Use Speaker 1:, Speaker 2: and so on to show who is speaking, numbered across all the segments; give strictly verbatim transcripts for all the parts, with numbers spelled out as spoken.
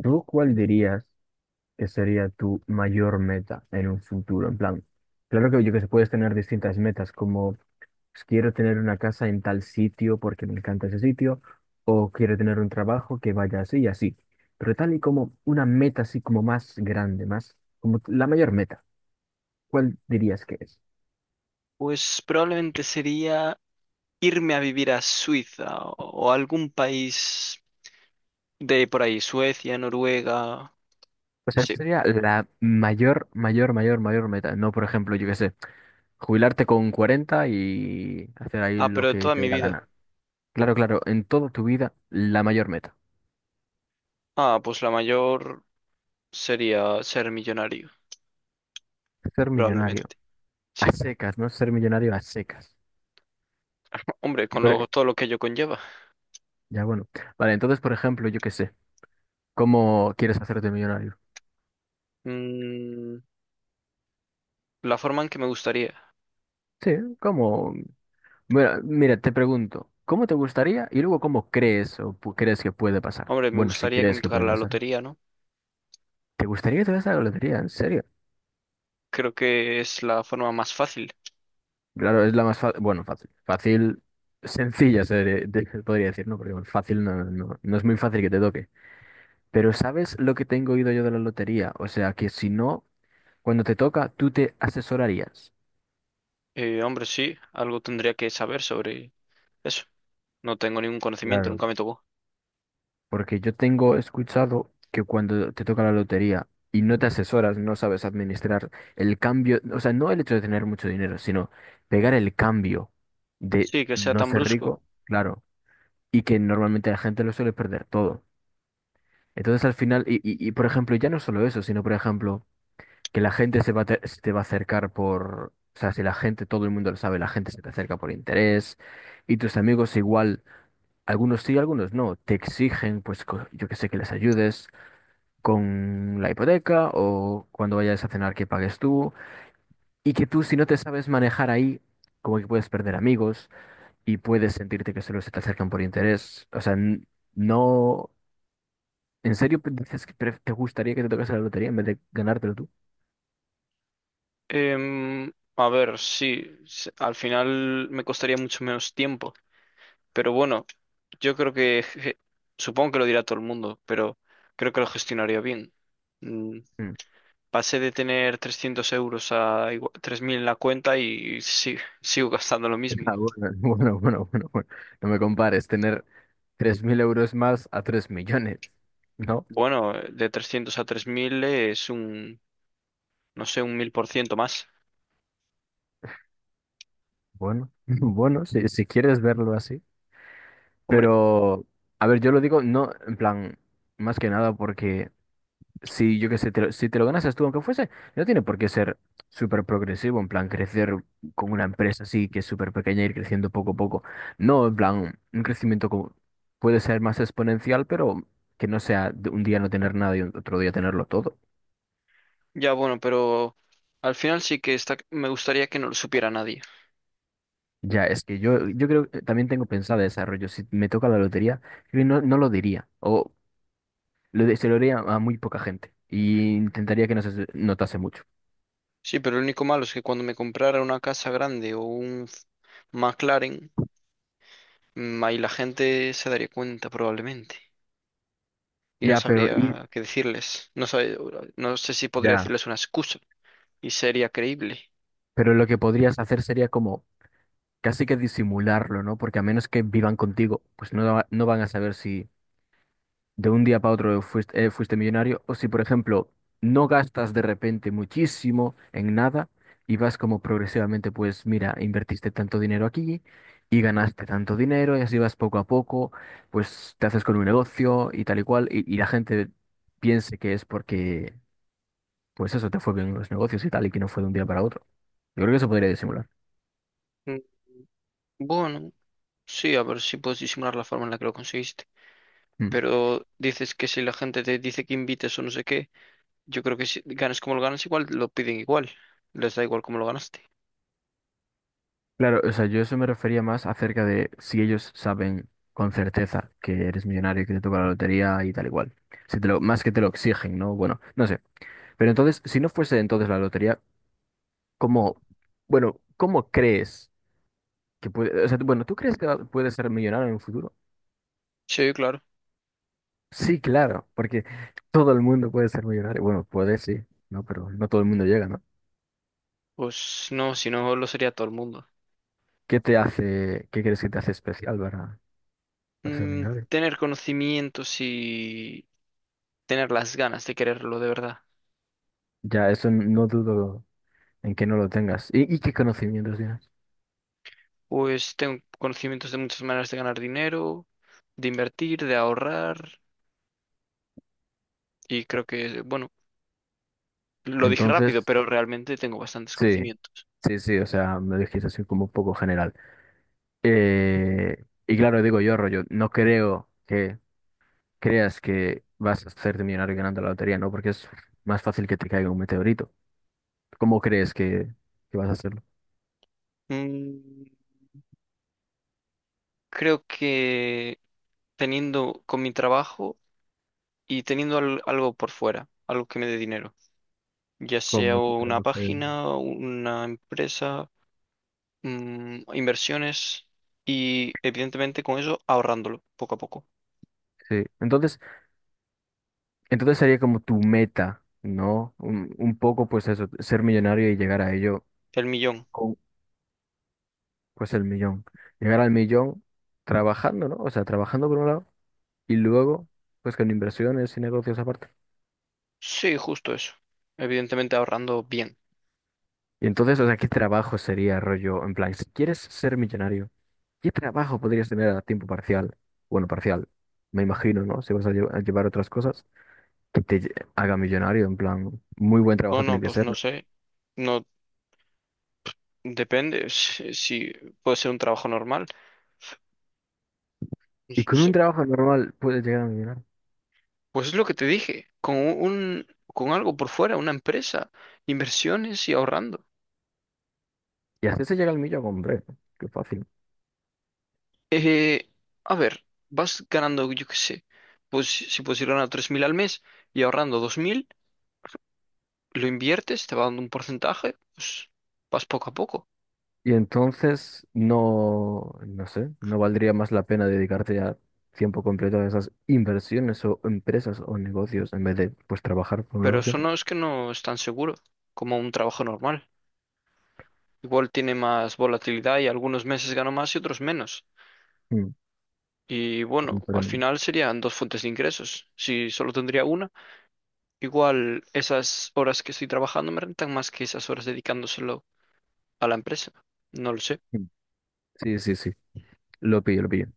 Speaker 1: ¿Tú cuál dirías que sería tu mayor meta en un futuro? En plan, claro que yo que se puedes tener distintas metas, como pues, quiero tener una casa en tal sitio porque me encanta ese sitio, o quiero tener un trabajo que vaya así y así. Pero tal y como una meta así como más grande, más como la mayor meta, ¿cuál dirías que es?
Speaker 2: Pues probablemente sería irme a vivir a Suiza o algún país de por ahí, Suecia, Noruega.
Speaker 1: O sea, esa
Speaker 2: Sí.
Speaker 1: sería la mayor, mayor, mayor, mayor meta. No, por ejemplo, yo qué sé, jubilarte con cuarenta y hacer ahí
Speaker 2: Ah,
Speaker 1: lo
Speaker 2: pero
Speaker 1: que
Speaker 2: toda
Speaker 1: te dé
Speaker 2: mi
Speaker 1: la
Speaker 2: vida.
Speaker 1: gana. Claro, claro, en toda tu vida, la mayor meta.
Speaker 2: Ah, pues la mayor sería ser millonario,
Speaker 1: Ser millonario.
Speaker 2: probablemente.
Speaker 1: A
Speaker 2: Sí.
Speaker 1: secas, ¿no? Ser millonario a secas.
Speaker 2: Hombre,
Speaker 1: Y
Speaker 2: con
Speaker 1: por-
Speaker 2: lo-
Speaker 1: e,
Speaker 2: todo lo que ello conlleva.
Speaker 1: ya bueno. Vale, entonces, por ejemplo, yo qué sé. ¿Cómo quieres hacerte millonario?
Speaker 2: Mm, la forma en que me gustaría.
Speaker 1: Sí, ¿cómo? Mira, mira, te pregunto. ¿Cómo te gustaría? Y luego, ¿cómo crees o pu- crees que puede pasar?
Speaker 2: Hombre, me
Speaker 1: Bueno, si
Speaker 2: gustaría que me
Speaker 1: crees que
Speaker 2: tocara
Speaker 1: puede
Speaker 2: la
Speaker 1: pasar.
Speaker 2: lotería, ¿no?
Speaker 1: ¿Te gustaría que te vayas a la lotería? ¿En serio?
Speaker 2: Creo que es la forma más fácil.
Speaker 1: Claro, es la más fácil. Bueno, fácil. Fácil, sencilla, se de- de- podría decir, ¿no? Porque bueno, fácil no, no, no es muy fácil que te toque. Pero ¿sabes lo que tengo oído yo de la lotería? O sea, que si no, cuando te toca, tú te asesorarías.
Speaker 2: Eh, hombre, sí, algo tendría que saber sobre eso. No tengo ningún conocimiento,
Speaker 1: Claro.
Speaker 2: nunca me tocó.
Speaker 1: Porque yo tengo escuchado que cuando te toca la lotería y no te asesoras, no sabes administrar el cambio, o sea, no el hecho de tener mucho dinero, sino pegar el cambio de
Speaker 2: Sí, que sea
Speaker 1: no
Speaker 2: tan
Speaker 1: ser
Speaker 2: brusco.
Speaker 1: rico, claro, y que normalmente la gente lo suele perder todo. Entonces al final, y, y, y por ejemplo, ya no solo eso, sino por ejemplo... que la gente se va a te, se te va a acercar por, o sea, si la gente, todo el mundo lo sabe, la gente se te acerca por interés y tus amigos igual, algunos sí, algunos no, te exigen, pues co- yo que sé, que les ayudes con la hipoteca o cuando vayas a cenar que pagues tú y que tú si no te sabes manejar ahí, como que puedes perder amigos y puedes sentirte que solo se te acercan por interés, o sea, n- no, ¿en serio dices que pre- te gustaría que te tocase la lotería en vez de ganártelo tú?
Speaker 2: Em, a ver, sí, s- al final me costaría mucho menos tiempo, pero bueno, yo creo que, je- supongo que lo dirá todo el mundo, pero creo que lo gestionaría bien. Mm.
Speaker 1: Mm.
Speaker 2: Pasé de tener trescientos euros a igua- tres mil en la cuenta y sí, sigo gastando lo mismo.
Speaker 1: Ah, bueno, bueno, bueno, bueno, bueno. No me compares tener tres mil euros más a tres millones. No,
Speaker 2: Bueno, de trescientos a tres mil es un, no sé, un mil por ciento más.
Speaker 1: bueno, bueno, si, si quieres verlo así.
Speaker 2: Hombre,
Speaker 1: Pero, a ver, yo lo digo, no, en plan, más que nada porque si yo qué sé, te lo- si te lo ganas tú, aunque fuese, no tiene por qué ser súper progresivo, en plan, crecer con una empresa así que es súper pequeña y ir creciendo poco a poco. No, en plan, un crecimiento como puede ser más exponencial, pero que no sea de un día no tener nada y otro día tenerlo todo.
Speaker 2: ya bueno, pero al final sí que está, me gustaría que no lo supiera nadie.
Speaker 1: Ya, es que yo, yo creo que también tengo pensado ese rollo. Si me toca la lotería, creo que no, no lo diría. O lo de- se lo diría a muy poca gente. Y intentaría que no se notase mucho.
Speaker 2: Sí, pero lo único malo es que cuando me comprara una casa grande o un F- McLaren, mm, ahí la gente se daría cuenta probablemente y no
Speaker 1: Ya, pero, y-
Speaker 2: sabría qué decirles. No sé, no sé si podría
Speaker 1: ya,
Speaker 2: decirles una excusa y sería creíble.
Speaker 1: pero lo que podrías hacer sería como casi que disimularlo, ¿no? Porque a menos que vivan contigo, pues no, va- no van a saber si, de un día para otro fuiste, eh, fuiste millonario, o si, por ejemplo, no gastas de repente muchísimo en nada y vas como progresivamente, pues mira, invertiste tanto dinero aquí y ganaste tanto dinero y así vas poco a poco, pues te haces con un negocio y tal y cual, y, y la gente piense que es porque, pues eso, te fue bien en los negocios y tal, y que no fue de un día para otro. Yo creo que eso podría disimular.
Speaker 2: Mm, Bueno, sí, a ver si puedes disimular la forma en la que lo conseguiste.
Speaker 1: Hmm.
Speaker 2: Pero dices que si la gente te dice que invites o no sé qué, yo creo que si ganas como lo ganas igual, lo piden igual. Les da igual cómo lo ganaste.
Speaker 1: Claro, o sea, yo eso me refería más acerca de si ellos saben con certeza que eres millonario y que te toca la lotería y tal igual. Si te lo, más que te lo exigen, ¿no? Bueno, no sé. Pero entonces, si no fuese entonces la lotería, ¿cómo, bueno, cómo crees que puede, o sea, bueno, ¿tú crees que va- puedes ser millonario en un futuro?
Speaker 2: Sí, claro.
Speaker 1: Sí, claro, porque todo el mundo puede ser millonario. Bueno, puede sí, ¿no? Pero no todo el mundo llega, ¿no?
Speaker 2: Pues no, si no lo sería todo el mundo.
Speaker 1: ¿Qué te hace, qué crees que te hace especial para, para ser
Speaker 2: Mm,
Speaker 1: millonario?
Speaker 2: tener conocimientos y tener las ganas de quererlo de verdad.
Speaker 1: Ya, eso no dudo. En que no lo tengas y, y qué conocimientos tienes.
Speaker 2: Pues tengo conocimientos de muchas maneras de ganar dinero, de invertir, de ahorrar y creo que, bueno, lo dije rápido,
Speaker 1: Entonces,
Speaker 2: pero realmente tengo bastantes
Speaker 1: sí,
Speaker 2: conocimientos.
Speaker 1: sí, sí, o sea, me dijiste así como un poco general. Eh, y claro, digo yo, rollo, no creo que creas que vas a hacerte millonario ganando la lotería, ¿no? Porque es más fácil que te caiga un meteorito. ¿Cómo crees que, que vas a hacerlo?
Speaker 2: Mm, creo que teniendo con mi trabajo y teniendo al- algo por fuera, algo que me dé dinero, ya sea
Speaker 1: ¿Cómo te
Speaker 2: una
Speaker 1: caiga?
Speaker 2: página, una empresa, mm, inversiones y evidentemente con eso ahorrándolo poco a poco.
Speaker 1: Sí, entonces, entonces sería como tu meta, ¿no? Un, un poco, pues eso, ser millonario y llegar a ello.
Speaker 2: El millón.
Speaker 1: Pues el millón. Llegar al millón trabajando, ¿no? O sea, trabajando por un lado y luego, pues con inversiones y negocios aparte.
Speaker 2: Sí, justo eso. Evidentemente ahorrando bien.
Speaker 1: Y entonces, o sea, ¿qué trabajo sería, rollo? En plan, si quieres ser millonario, ¿qué trabajo podrías tener a tiempo parcial? Bueno, parcial, me imagino, ¿no? Si vas a, lle- a llevar otras cosas, que te lle- haga millonario, en plan, muy buen trabajo
Speaker 2: Bueno,
Speaker 1: tiene que
Speaker 2: pues
Speaker 1: ser,
Speaker 2: no
Speaker 1: ¿no?
Speaker 2: sé. No depende si, si puede ser un trabajo normal.
Speaker 1: Y
Speaker 2: S-
Speaker 1: con un
Speaker 2: So-
Speaker 1: trabajo normal puedes llegar a millonario.
Speaker 2: Pues es lo que te dije, con un con algo por fuera, una empresa, inversiones y ahorrando.
Speaker 1: Y así se llega al millón, hombre, qué fácil.
Speaker 2: Eh, a ver, vas ganando, yo qué sé, pues si puedes ir ganando tres mil al mes y ahorrando dos mil lo inviertes, te va dando un porcentaje, pues vas poco a poco.
Speaker 1: Y entonces no, no sé, no valdría más la pena dedicarte a tiempo completo a esas inversiones o empresas o negocios en vez de pues trabajar por un
Speaker 2: Pero
Speaker 1: lado
Speaker 2: eso
Speaker 1: siempre.
Speaker 2: no es que no es tan seguro como un trabajo normal. Igual tiene más volatilidad y algunos meses gano más y otros menos.
Speaker 1: Mm,
Speaker 2: Y bueno, al
Speaker 1: comprendo.
Speaker 2: final serían dos fuentes de ingresos. Si solo tendría una, igual esas horas que estoy trabajando me rentan más que esas horas dedicándoselo a la empresa. No lo sé.
Speaker 1: Mm. Sí, sí, sí, lo pillo, lo pillo.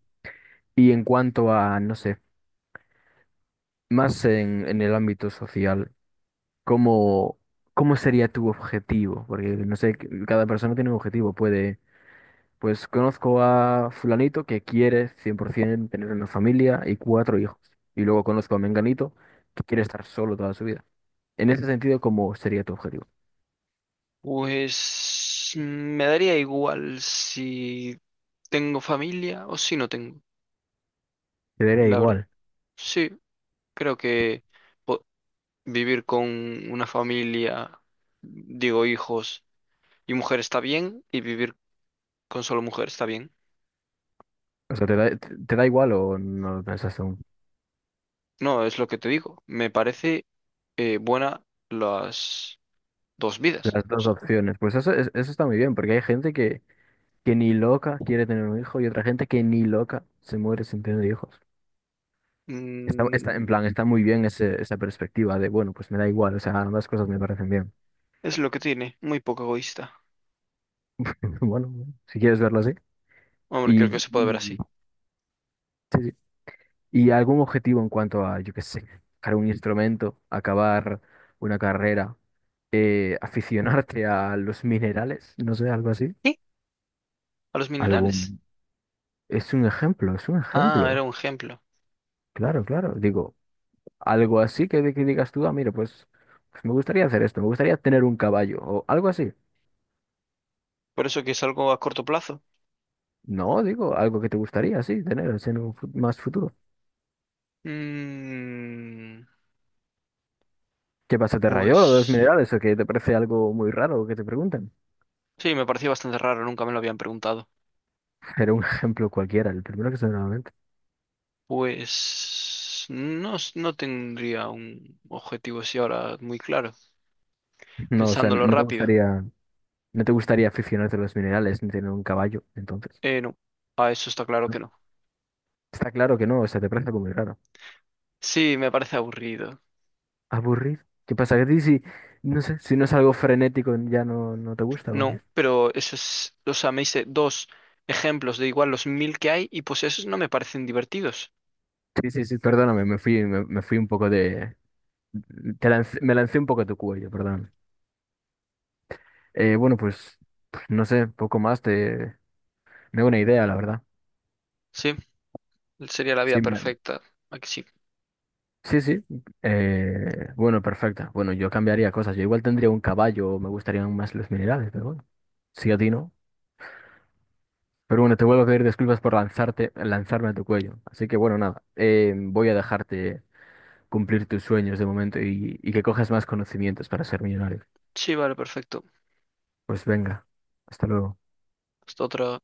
Speaker 1: Y en cuanto a, no sé, más en, en el ámbito social, ¿cómo, cómo sería tu objetivo? Porque no sé, cada persona tiene un objetivo, puede... Pues conozco a fulanito que quiere cien por ciento tener una familia y cuatro hijos. Y luego conozco a menganito que quiere estar solo toda su vida. En ese sentido, ¿cómo sería tu objetivo?
Speaker 2: Pues me daría igual si tengo familia o si no tengo,
Speaker 1: Te daría
Speaker 2: la verdad.
Speaker 1: igual.
Speaker 2: Sí. Creo que po- vivir con una familia, digo hijos y mujer está bien, y vivir con solo mujer está bien.
Speaker 1: O sea, ¿te da, te- te da igual o no lo pensas aún?
Speaker 2: No, es lo que te digo. Me parece eh, buena las dos vidas.
Speaker 1: Las
Speaker 2: O
Speaker 1: dos
Speaker 2: sea,
Speaker 1: opciones. Pues eso, es- eso está muy bien, porque hay gente que, que ni loca quiere tener un hijo y otra gente que ni loca se muere sin tener hijos. Está, está, en
Speaker 2: mm,
Speaker 1: plan, está muy bien ese- esa perspectiva de, bueno, pues me da igual, o sea, ambas cosas me parecen bien.
Speaker 2: es lo que tiene, muy poco egoísta.
Speaker 1: Bueno, si quieres verlo así.
Speaker 2: Hombre, creo que
Speaker 1: Y,
Speaker 2: se puede ver
Speaker 1: y
Speaker 2: así.
Speaker 1: sí, sí. ¿Y algún objetivo en cuanto a, yo qué sé, tocar un instrumento, acabar una carrera, eh, aficionarte a los minerales, no sé, algo así?
Speaker 2: ¿Y? A los minerales.
Speaker 1: Algún... Es un ejemplo, es un
Speaker 2: Ah, era
Speaker 1: ejemplo.
Speaker 2: un ejemplo.
Speaker 1: Claro, claro. Digo, algo así que, que digas tú, ah, mira, pues, pues me gustaría hacer esto, me gustaría tener un caballo o algo así.
Speaker 2: Por eso que es algo a corto plazo.
Speaker 1: No, digo, algo que te gustaría, sí, tener así en un fu- más futuro.
Speaker 2: Mm,
Speaker 1: ¿Qué pasa, te rayó lo de los
Speaker 2: pues
Speaker 1: minerales o que te parece algo muy raro que te pregunten?
Speaker 2: sí, me pareció bastante raro, nunca me lo habían preguntado.
Speaker 1: Era un ejemplo cualquiera, el primero que se me...
Speaker 2: Pues no, s- no tendría un objetivo así ahora muy claro,
Speaker 1: No, o sea,
Speaker 2: pensándolo
Speaker 1: no te
Speaker 2: rápido.
Speaker 1: gustaría, no te gustaría aficionarte a los minerales ni tener un caballo, entonces,
Speaker 2: Eh, no, a eso está claro que
Speaker 1: ¿no?
Speaker 2: no.
Speaker 1: Está claro que no, o sea, te parece algo muy raro.
Speaker 2: Sí, me parece aburrido.
Speaker 1: Aburrido. ¿Qué pasa? ¿Que a ti si, no sé, si no es algo frenético ya no, no te gusta? ¿O qué?
Speaker 2: No, pero eso es, o sea, me hice dos ejemplos de igual los mil que hay y pues esos no me parecen divertidos.
Speaker 1: Sí, sí, sí, perdóname, me fui, me, me fui un poco de... te lancé- me lancé un poco a tu cuello, perdón. Eh, bueno, pues, pues, no sé, poco más, te... me da una idea, la verdad.
Speaker 2: Sí, sería la vida
Speaker 1: Sí, me,
Speaker 2: perfecta. Aquí sí.
Speaker 1: sí, sí. Eh, bueno, perfecto. Bueno, yo cambiaría cosas. Yo igual tendría un caballo, me gustarían más los minerales, pero bueno. Sí, a ti no. Pero bueno, te vuelvo a pedir disculpas por lanzarte, lanzarme a tu cuello. Así que bueno, nada. eh, voy a dejarte cumplir tus sueños de momento y, y que cojas más conocimientos para ser millonario.
Speaker 2: Sí, vale, perfecto.
Speaker 1: Pues venga, hasta luego.
Speaker 2: Hasta otra.